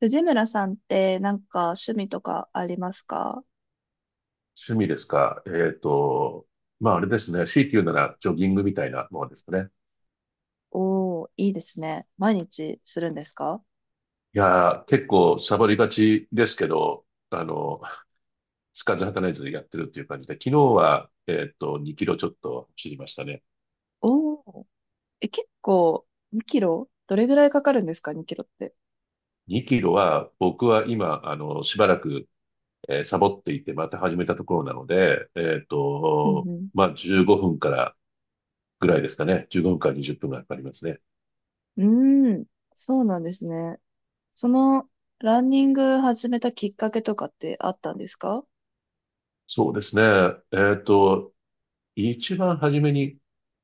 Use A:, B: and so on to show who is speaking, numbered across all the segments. A: 藤村さんってなんか趣味とかありますか？
B: 趣味ですかあれですね。強いて言うならジョギングみたいなものですかね。
A: おー、いいですね。毎日するんですか？
B: いやー、結構サボりがちですけど、あの、つかず働いずやってるっていう感じで、昨日は、2キロちょっと走りましたね。
A: おー、え、結構2キロどれぐらいかかるんですか？ 2 キロって。
B: 2キロは僕は今、しばらく、サボっていて、また始めたところなので、
A: うん
B: まあ15分からぐらいですかね。15分から20分がかかりますね。
A: うん。うーん、そうなんですね。その、ランニング始めたきっかけとかってあったんですか？
B: そうですね。えっと、一番初めに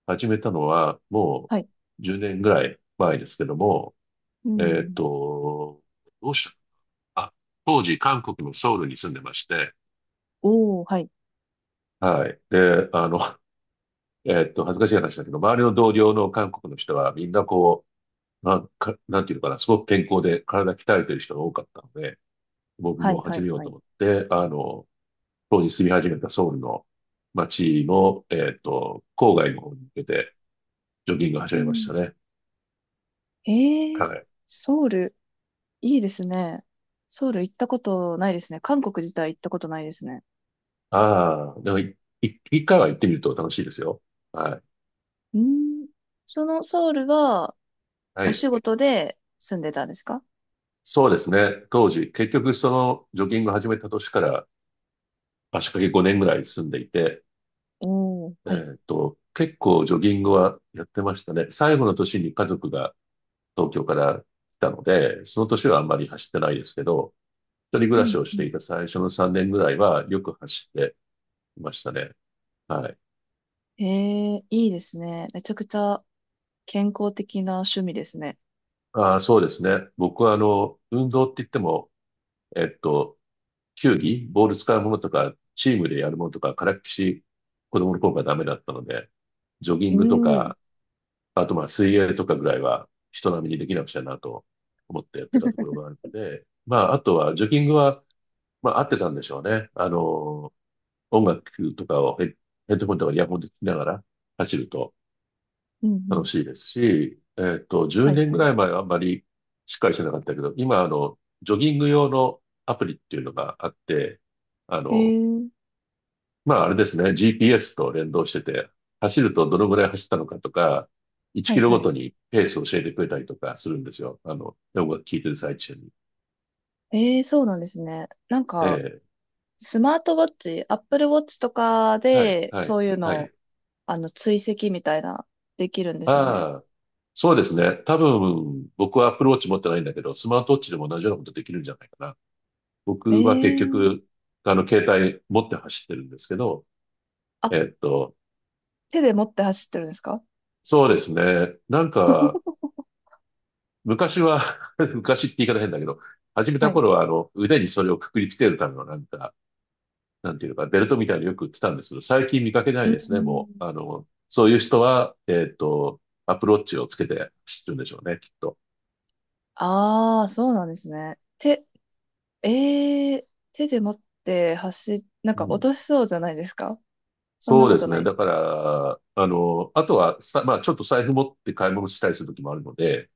B: 始めたのは、
A: はい。
B: う10年ぐらい前ですけども、
A: う
B: えっ
A: ん。
B: と、どうしたあ、当時韓国のソウルに住んでまして、
A: おー、はい。
B: はい。で、恥ずかしい話だけど、周りの同僚の韓国の人はみんなこう、なんか、なんていうのかな、すごく健康で体鍛えてる人が多かったので、僕
A: はい、
B: も
A: は
B: 始
A: い、
B: めよう
A: は
B: と
A: い。
B: 思って、当時住み始めたソウルの街の、郊外の方に向けてジョギングを始
A: う
B: めまし
A: ん。
B: たね。
A: え
B: は
A: ー、
B: い。
A: ソウル、いいですね。ソウル行ったことないですね。韓国自体行ったことないですね。
B: ああ、でも一回は行ってみると楽しいですよ。はい。
A: うん。そのソウルは
B: は
A: お仕
B: い。
A: 事で住んでたんですか？
B: そうですね。当時、結局そのジョギング始めた年から足掛け5年ぐらい住んでいて、
A: おー、
B: え
A: はい。
B: ーっと、結構ジョギングはやってましたね。最後の年に家族が東京から来たので、その年はあんまり走ってないですけど、一人暮
A: う
B: らし
A: ん、
B: をし
A: う
B: て
A: ん。
B: いた最初の3年ぐらいはよく走っていましたね。はい。
A: へえ、いいですね。めちゃくちゃ健康的な趣味ですね。
B: ああ、そうですね。僕は運動って言っても、えっと、球技、ボール使うものとか、チームでやるものとか、からっきし、子供の頃からダメだったので、ジョギ
A: う
B: ングと
A: ん。
B: か、あとまあ水泳とかぐらいは人並みにできなくちゃなと思ってやってたところがあって、まああとはジョギングは、まあ合ってたんでしょうね。音楽とかをヘッドホンとかイヤホンで聞きながら走ると
A: うんう
B: 楽
A: ん。
B: しいですし、
A: は
B: 10
A: い
B: 年
A: は
B: ぐ
A: い。
B: らい前はあんまりしっかりしてなかったけど、今ジョギング用のアプリっていうのがあって、あ
A: へ
B: の、
A: え、
B: まああれですね、GPS と連動してて、走るとどのぐらい走ったのかとか、1
A: は
B: キ
A: い
B: ロ
A: は
B: ご
A: い。
B: とにペースを教えてくれたりとかするんですよ。あの、音楽聴いてる最中に。
A: ええ、そうなんですね。なん
B: え
A: か、
B: え、
A: スマートウォッチ、Apple Watch とか
B: はい、
A: で、
B: は
A: そ
B: い、
A: ういう
B: は
A: のを、
B: い。
A: 追跡みたいな、できるんですよね。
B: ああ、そうですね。多分、僕はアップルウォッチ持ってないんだけど、スマートウォッチでも同じようなことできるんじゃないかな。
A: え
B: 僕は結
A: え、
B: 局、携帯持って走ってるんですけど、
A: あ、
B: えっと、
A: 手で持って走ってるんですか？
B: そうですね。なんか、昔は 昔って言い方変だけど、始め
A: は
B: た
A: い。
B: 頃は、腕にそれをくくりつけるためのなんか、なんていうのか、ベルトみたいによく売ってたんですけど、最近見かけな
A: う
B: いですね、もう。
A: ん。
B: あの、そういう人は、アップローチをつけて知ってるんでしょうね、きっと。
A: ああ、そうなんですね。手、ええ手で持ってなん
B: う
A: か落
B: ん。
A: としそうじゃないですか？そんな
B: そう
A: こ
B: で
A: と
B: す
A: な
B: ね。
A: い。
B: だから、あとはさ、まあ、ちょっと財布持って買い物したりする時もあるので、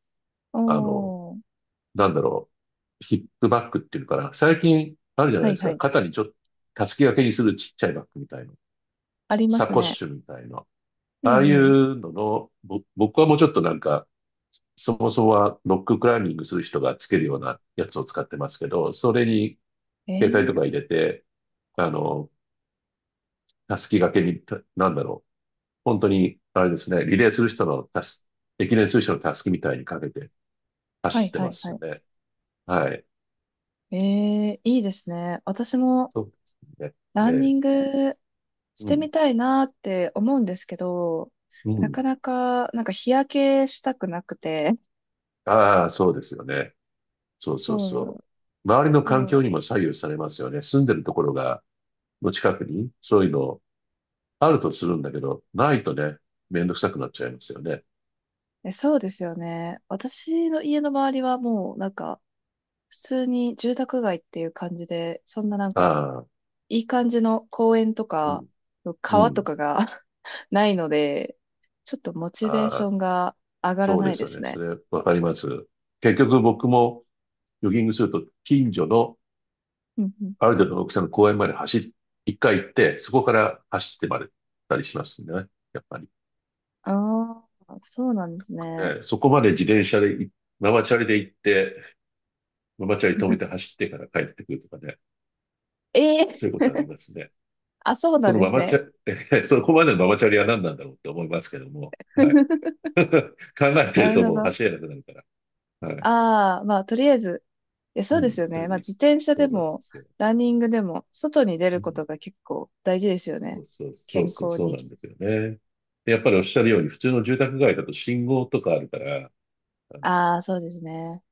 B: あの、
A: おー、
B: なんだろう、ヒップバッグっていうのかな。最近あるじゃない
A: はい
B: です
A: は
B: か。
A: い。
B: 肩にちょっと、たすき掛けにするちっちゃいバッグみたいな。
A: ありま
B: サ
A: す
B: コッ
A: ね。
B: シュみたいな。
A: う
B: ああ
A: ん
B: い
A: うん。
B: うのの、僕はもうちょっとなんか、そもそもはロッククライミングする人がつけるようなやつを使ってますけど、それに携帯と
A: ええ
B: か入れて、あの、たすき掛けに、なんだろう。本当に、あれですね、リレーする人のたす、駅伝する人のたすきみたいにかけて
A: は
B: 走
A: い
B: って
A: は
B: ま
A: い
B: す
A: は
B: よ
A: い。
B: ね。はい。
A: ええいいですね。私も
B: そうですね。
A: ラ
B: え
A: ンニ
B: え、
A: ングし
B: う
A: て
B: ん。
A: みたいなって思うんですけど、
B: う
A: なか
B: ん。
A: なか、なんか日焼けしたくなくて、
B: ああ、そうですよね。そうそう
A: そ
B: そ
A: う、
B: う。周りの環境に
A: そ
B: も左右されますよね。住んでるところが、の近くに、そういうのあるとするんだけど、ないとね、めんどくさくなっちゃいますよね。
A: う、そうですよね。私の家の周りはもうなんか、普通に住宅街っていう感じで、そんななんか、
B: ああ、
A: いい感じの公園と
B: う
A: か、
B: ん、う
A: 川と
B: ん。
A: かが ないので、ちょっとモチベー
B: あ
A: ショ
B: あ、
A: ンが上がら
B: そう
A: な
B: で
A: い
B: す
A: で
B: よ
A: す
B: ね。そ
A: ね。
B: れ、わかります。結局僕もジョギングすると、近所の
A: うんうん
B: ある程度の大きさの公園まで走り、一回行って、そこから走ってまで行ったりしますね。やっぱり。
A: ああ、そうなんですね。
B: ええ、そこまで自転車でい、ママチャリで行って、ママチャリ止めて走ってから帰ってくるとかね。
A: え
B: そういうこ
A: え
B: とありますね。
A: あ、そう
B: そ
A: なん
B: の
A: で
B: マ
A: す
B: マチ
A: ね。
B: ャリ、そこまでのママチャリは何なんだろうって思いますけども。はい。考えて
A: な
B: る
A: る
B: と
A: ほ
B: もう
A: ど。
B: 走れなくなるから。はい。
A: ああ、まあ、とりあえず、いや、そう
B: う
A: で
B: ん。
A: すよ
B: そ
A: ね。
B: れ
A: まあ、
B: で、
A: 自転車
B: そ
A: で
B: うなんで
A: も、
B: すよ。
A: ランニングでも、外に出る
B: う
A: こ
B: ん。
A: とが結構大事ですよ
B: そ
A: ね。
B: うそうそう
A: 健
B: そう、
A: 康
B: そう
A: に。
B: なんですよね。でやっぱりおっしゃるように、普通の住宅街だと信号とかあるから、あ
A: ああ、そうですね。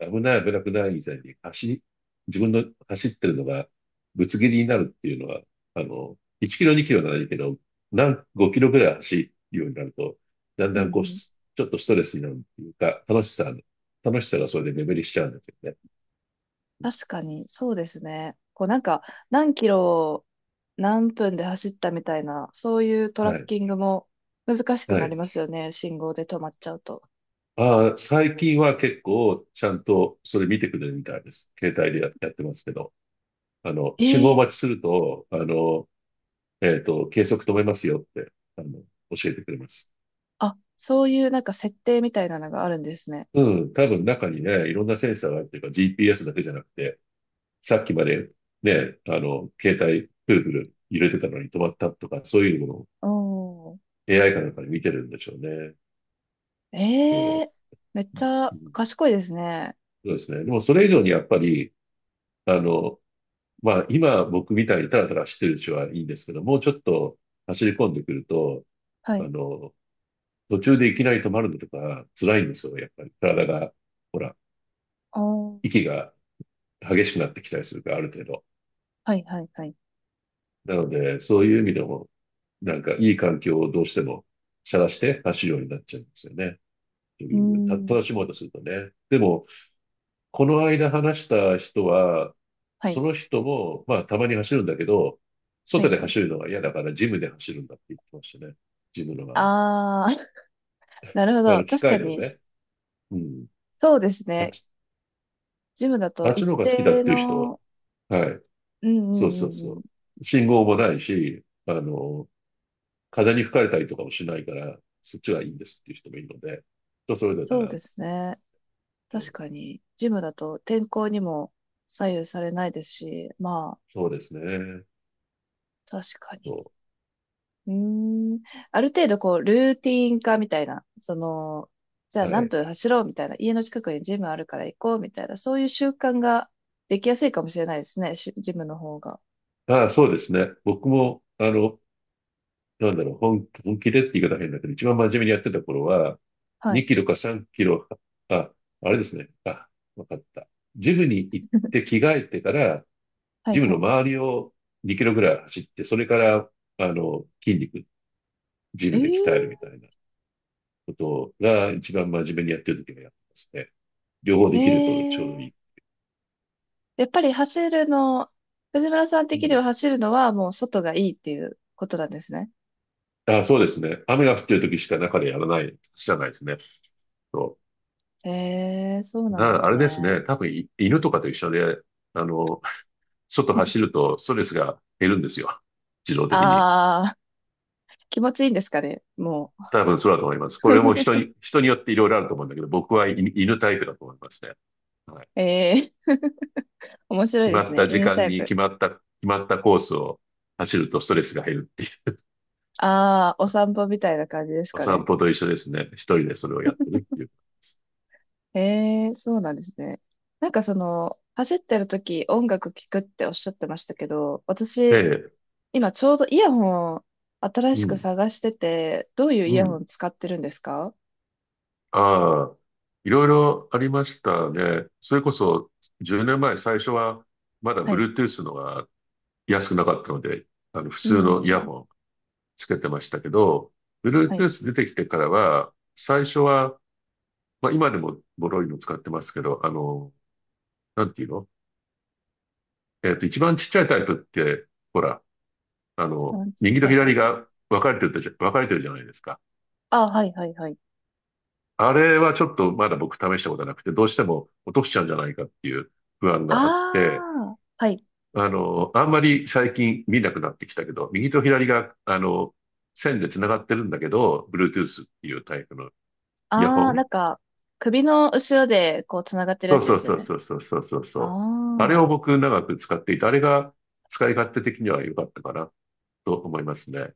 B: 危なくない以前に自分の走ってるのがぶつ切りになるっていうのは、1キロ2キロならいいけど、何、5キロぐらい走るようになると、だん
A: うん
B: だ
A: う
B: んこう、
A: ん
B: ちょっとストレスになるっていうか、楽しさがそれで目減りしちゃうんですよね。
A: 確かに、そうですね。こうなんか、何キロ、何分で走ったみたいな、そういうトラ
B: は
A: ッ
B: い。
A: キングも難しく
B: は
A: なり
B: い。
A: ますよね。信号で止まっちゃうと。
B: ああ、最近は結構ちゃんとそれ見てくれるみたいです。携帯でやってますけど。あの、
A: え
B: 信号
A: え
B: 待ちすると、計測止めますよって、あの、教えてくれます。
A: あ、そういうなんか設定みたいなのがあるんですね。
B: うん、多分中にね、いろんなセンサーがあるっていうか GPS だけじゃなくて、さっきまでね、あの、携帯、プルプル揺れてたのに止まったとか、そういうのを
A: おー。
B: AI かなんかで見てるんでしょうね。
A: え
B: そ
A: えめっちゃ
B: う。うん、
A: 賢いですね。
B: そうですね。でもそれ以上にやっぱり、あの、まあ、今僕みたいにタラタラしてるうちはいいんですけど、もうちょっと走り込んでくると、
A: は
B: あ
A: い。
B: の、途中でいきなり止まるのとか辛いんですよ、やっぱり。体が、ほら、
A: おー。
B: 息が激しくなってきたりするから、ある程度。
A: はい、はい、はい。
B: なので、そういう意味でも、なんかいい環境をどうしても探して走るようになっちゃうんですよね。と
A: うー
B: いう、た、楽し
A: ん。
B: もうとするとね。でも、この間話した人は、
A: はい、
B: その人も、まあ、たまに走るんだけど、
A: は
B: 外
A: い、
B: で
A: はい。
B: 走るのが嫌だから、ジムで走るんだって言ってましたね。ジムのあの、
A: あー、なるほ
B: あ
A: ど。
B: の、機
A: 確か
B: 械だよ
A: に、
B: ね。うん。
A: そうです
B: あっ
A: ね。
B: ち、
A: ジムだと
B: あっち
A: 一
B: の方が好きだ
A: 定
B: っていう人は、
A: の、
B: はい。
A: うんう
B: そうそう
A: んうん
B: そう。信号もないし、あの、風に吹かれたりとかもしないから、そっちがいいんですっていう人もいるので、人それぞれだか
A: そう
B: ら、
A: ですね。
B: え
A: 確
B: ー
A: かに、ジムだと天候にも左右されないですし、まあ、
B: そうですね。
A: 確かに。
B: そ
A: うーん。ある程度、こう、ルーティン化みたいな、その、じゃあ
B: う。は
A: 何
B: い。
A: 分走ろうみたいな、家の近くにジムあるから行こうみたいな、そういう習慣ができやすいかもしれないですね、しジムの方が。
B: ああ、そうですね。僕も、なんだろう、本気でって言い方変だけど、一番真面目にやってた頃は、
A: はい。
B: 2キロか3キロ、あ、あれですね。あ、わかった。ジムに行って 着替えてから、
A: はい
B: ジム
A: は
B: の
A: い。
B: 周りを2キロぐらい走って、それから、あの、筋肉、ジ
A: え
B: ムで鍛えるみたいなことが一番真面目にやってる時はやってますね。両方
A: ー、え
B: できるとちょうどい
A: ー、
B: い。
A: やっぱり走るの、藤村さん
B: う
A: 的に
B: ん。
A: は走るのはもう外がいいっていうことなんですね。
B: あ、そうですね。雨が降ってる時しか中でやらない、知らないですね。そ
A: ええ、そう
B: う。
A: なんで
B: あ
A: す
B: れです
A: ね。
B: ね。多分犬とかと一緒で、あの、外走 るとストレスが減るんですよ。自動的に。
A: ああ、気持ちいいんですかね、もう。
B: 多分そうだと思います。これも人によっていろいろあると思うんだけど、僕は犬犬タイプだと思いますね。はい。
A: ええ、面白い
B: 決
A: で
B: ま
A: す
B: っ
A: ね。
B: た時
A: 犬タ
B: 間
A: イ
B: に
A: プ。
B: 決まった、決まったコースを走るとストレスが減るっていう。
A: ああ、お散歩みたいな感じです
B: お
A: か
B: 散
A: ね。
B: 歩と一緒ですね。一人でそれをやってるっていう。
A: ええ、そうなんですね。なんかその、走ってる時音楽聴くっておっしゃってましたけど、
B: え
A: 私、
B: え、
A: 今ちょうどイヤホン新
B: う
A: しく
B: ん、
A: 探してて、どういうイ
B: う
A: ヤホ
B: ん。
A: ン使ってるんですか？
B: ああ、いろいろありましたね。それこそ10年前、最初はまだ
A: はい。
B: Bluetooth のが安くなかったので、あの普
A: う
B: 通のイヤ
A: ん。
B: ホンつけてましたけど、
A: はい。
B: Bluetooth 出てきてからは、最初は、まあ今でもボロいの使ってますけど、あの、なんていうのえっと、一番ちっちゃいタイプって、ほら、あ
A: 一
B: の、
A: 番ちっ
B: 右
A: ち
B: と
A: ゃいタイ
B: 左
A: プ。
B: が分かれてるじゃないですか。
A: ああ、はい、はい、はい。
B: あれはちょっとまだ僕試したことなくて、どうしても落としちゃうんじゃないかっていう不安があって、
A: ああ、はい。
B: あんまり最近見なくなってきたけど、右と左が、あの、線で繋がってるんだけど、Bluetooth っていうタイプのイヤホ
A: ああ、な
B: ン
A: んか、首の後ろで、こう、つながってる
B: そ
A: や
B: う
A: つ
B: そ
A: で
B: う
A: すよ
B: そう
A: ね。
B: そうそうそうそうそあれ
A: ああ
B: を僕長く使っていて、あれが使い勝手的には良かったかなと思いますね。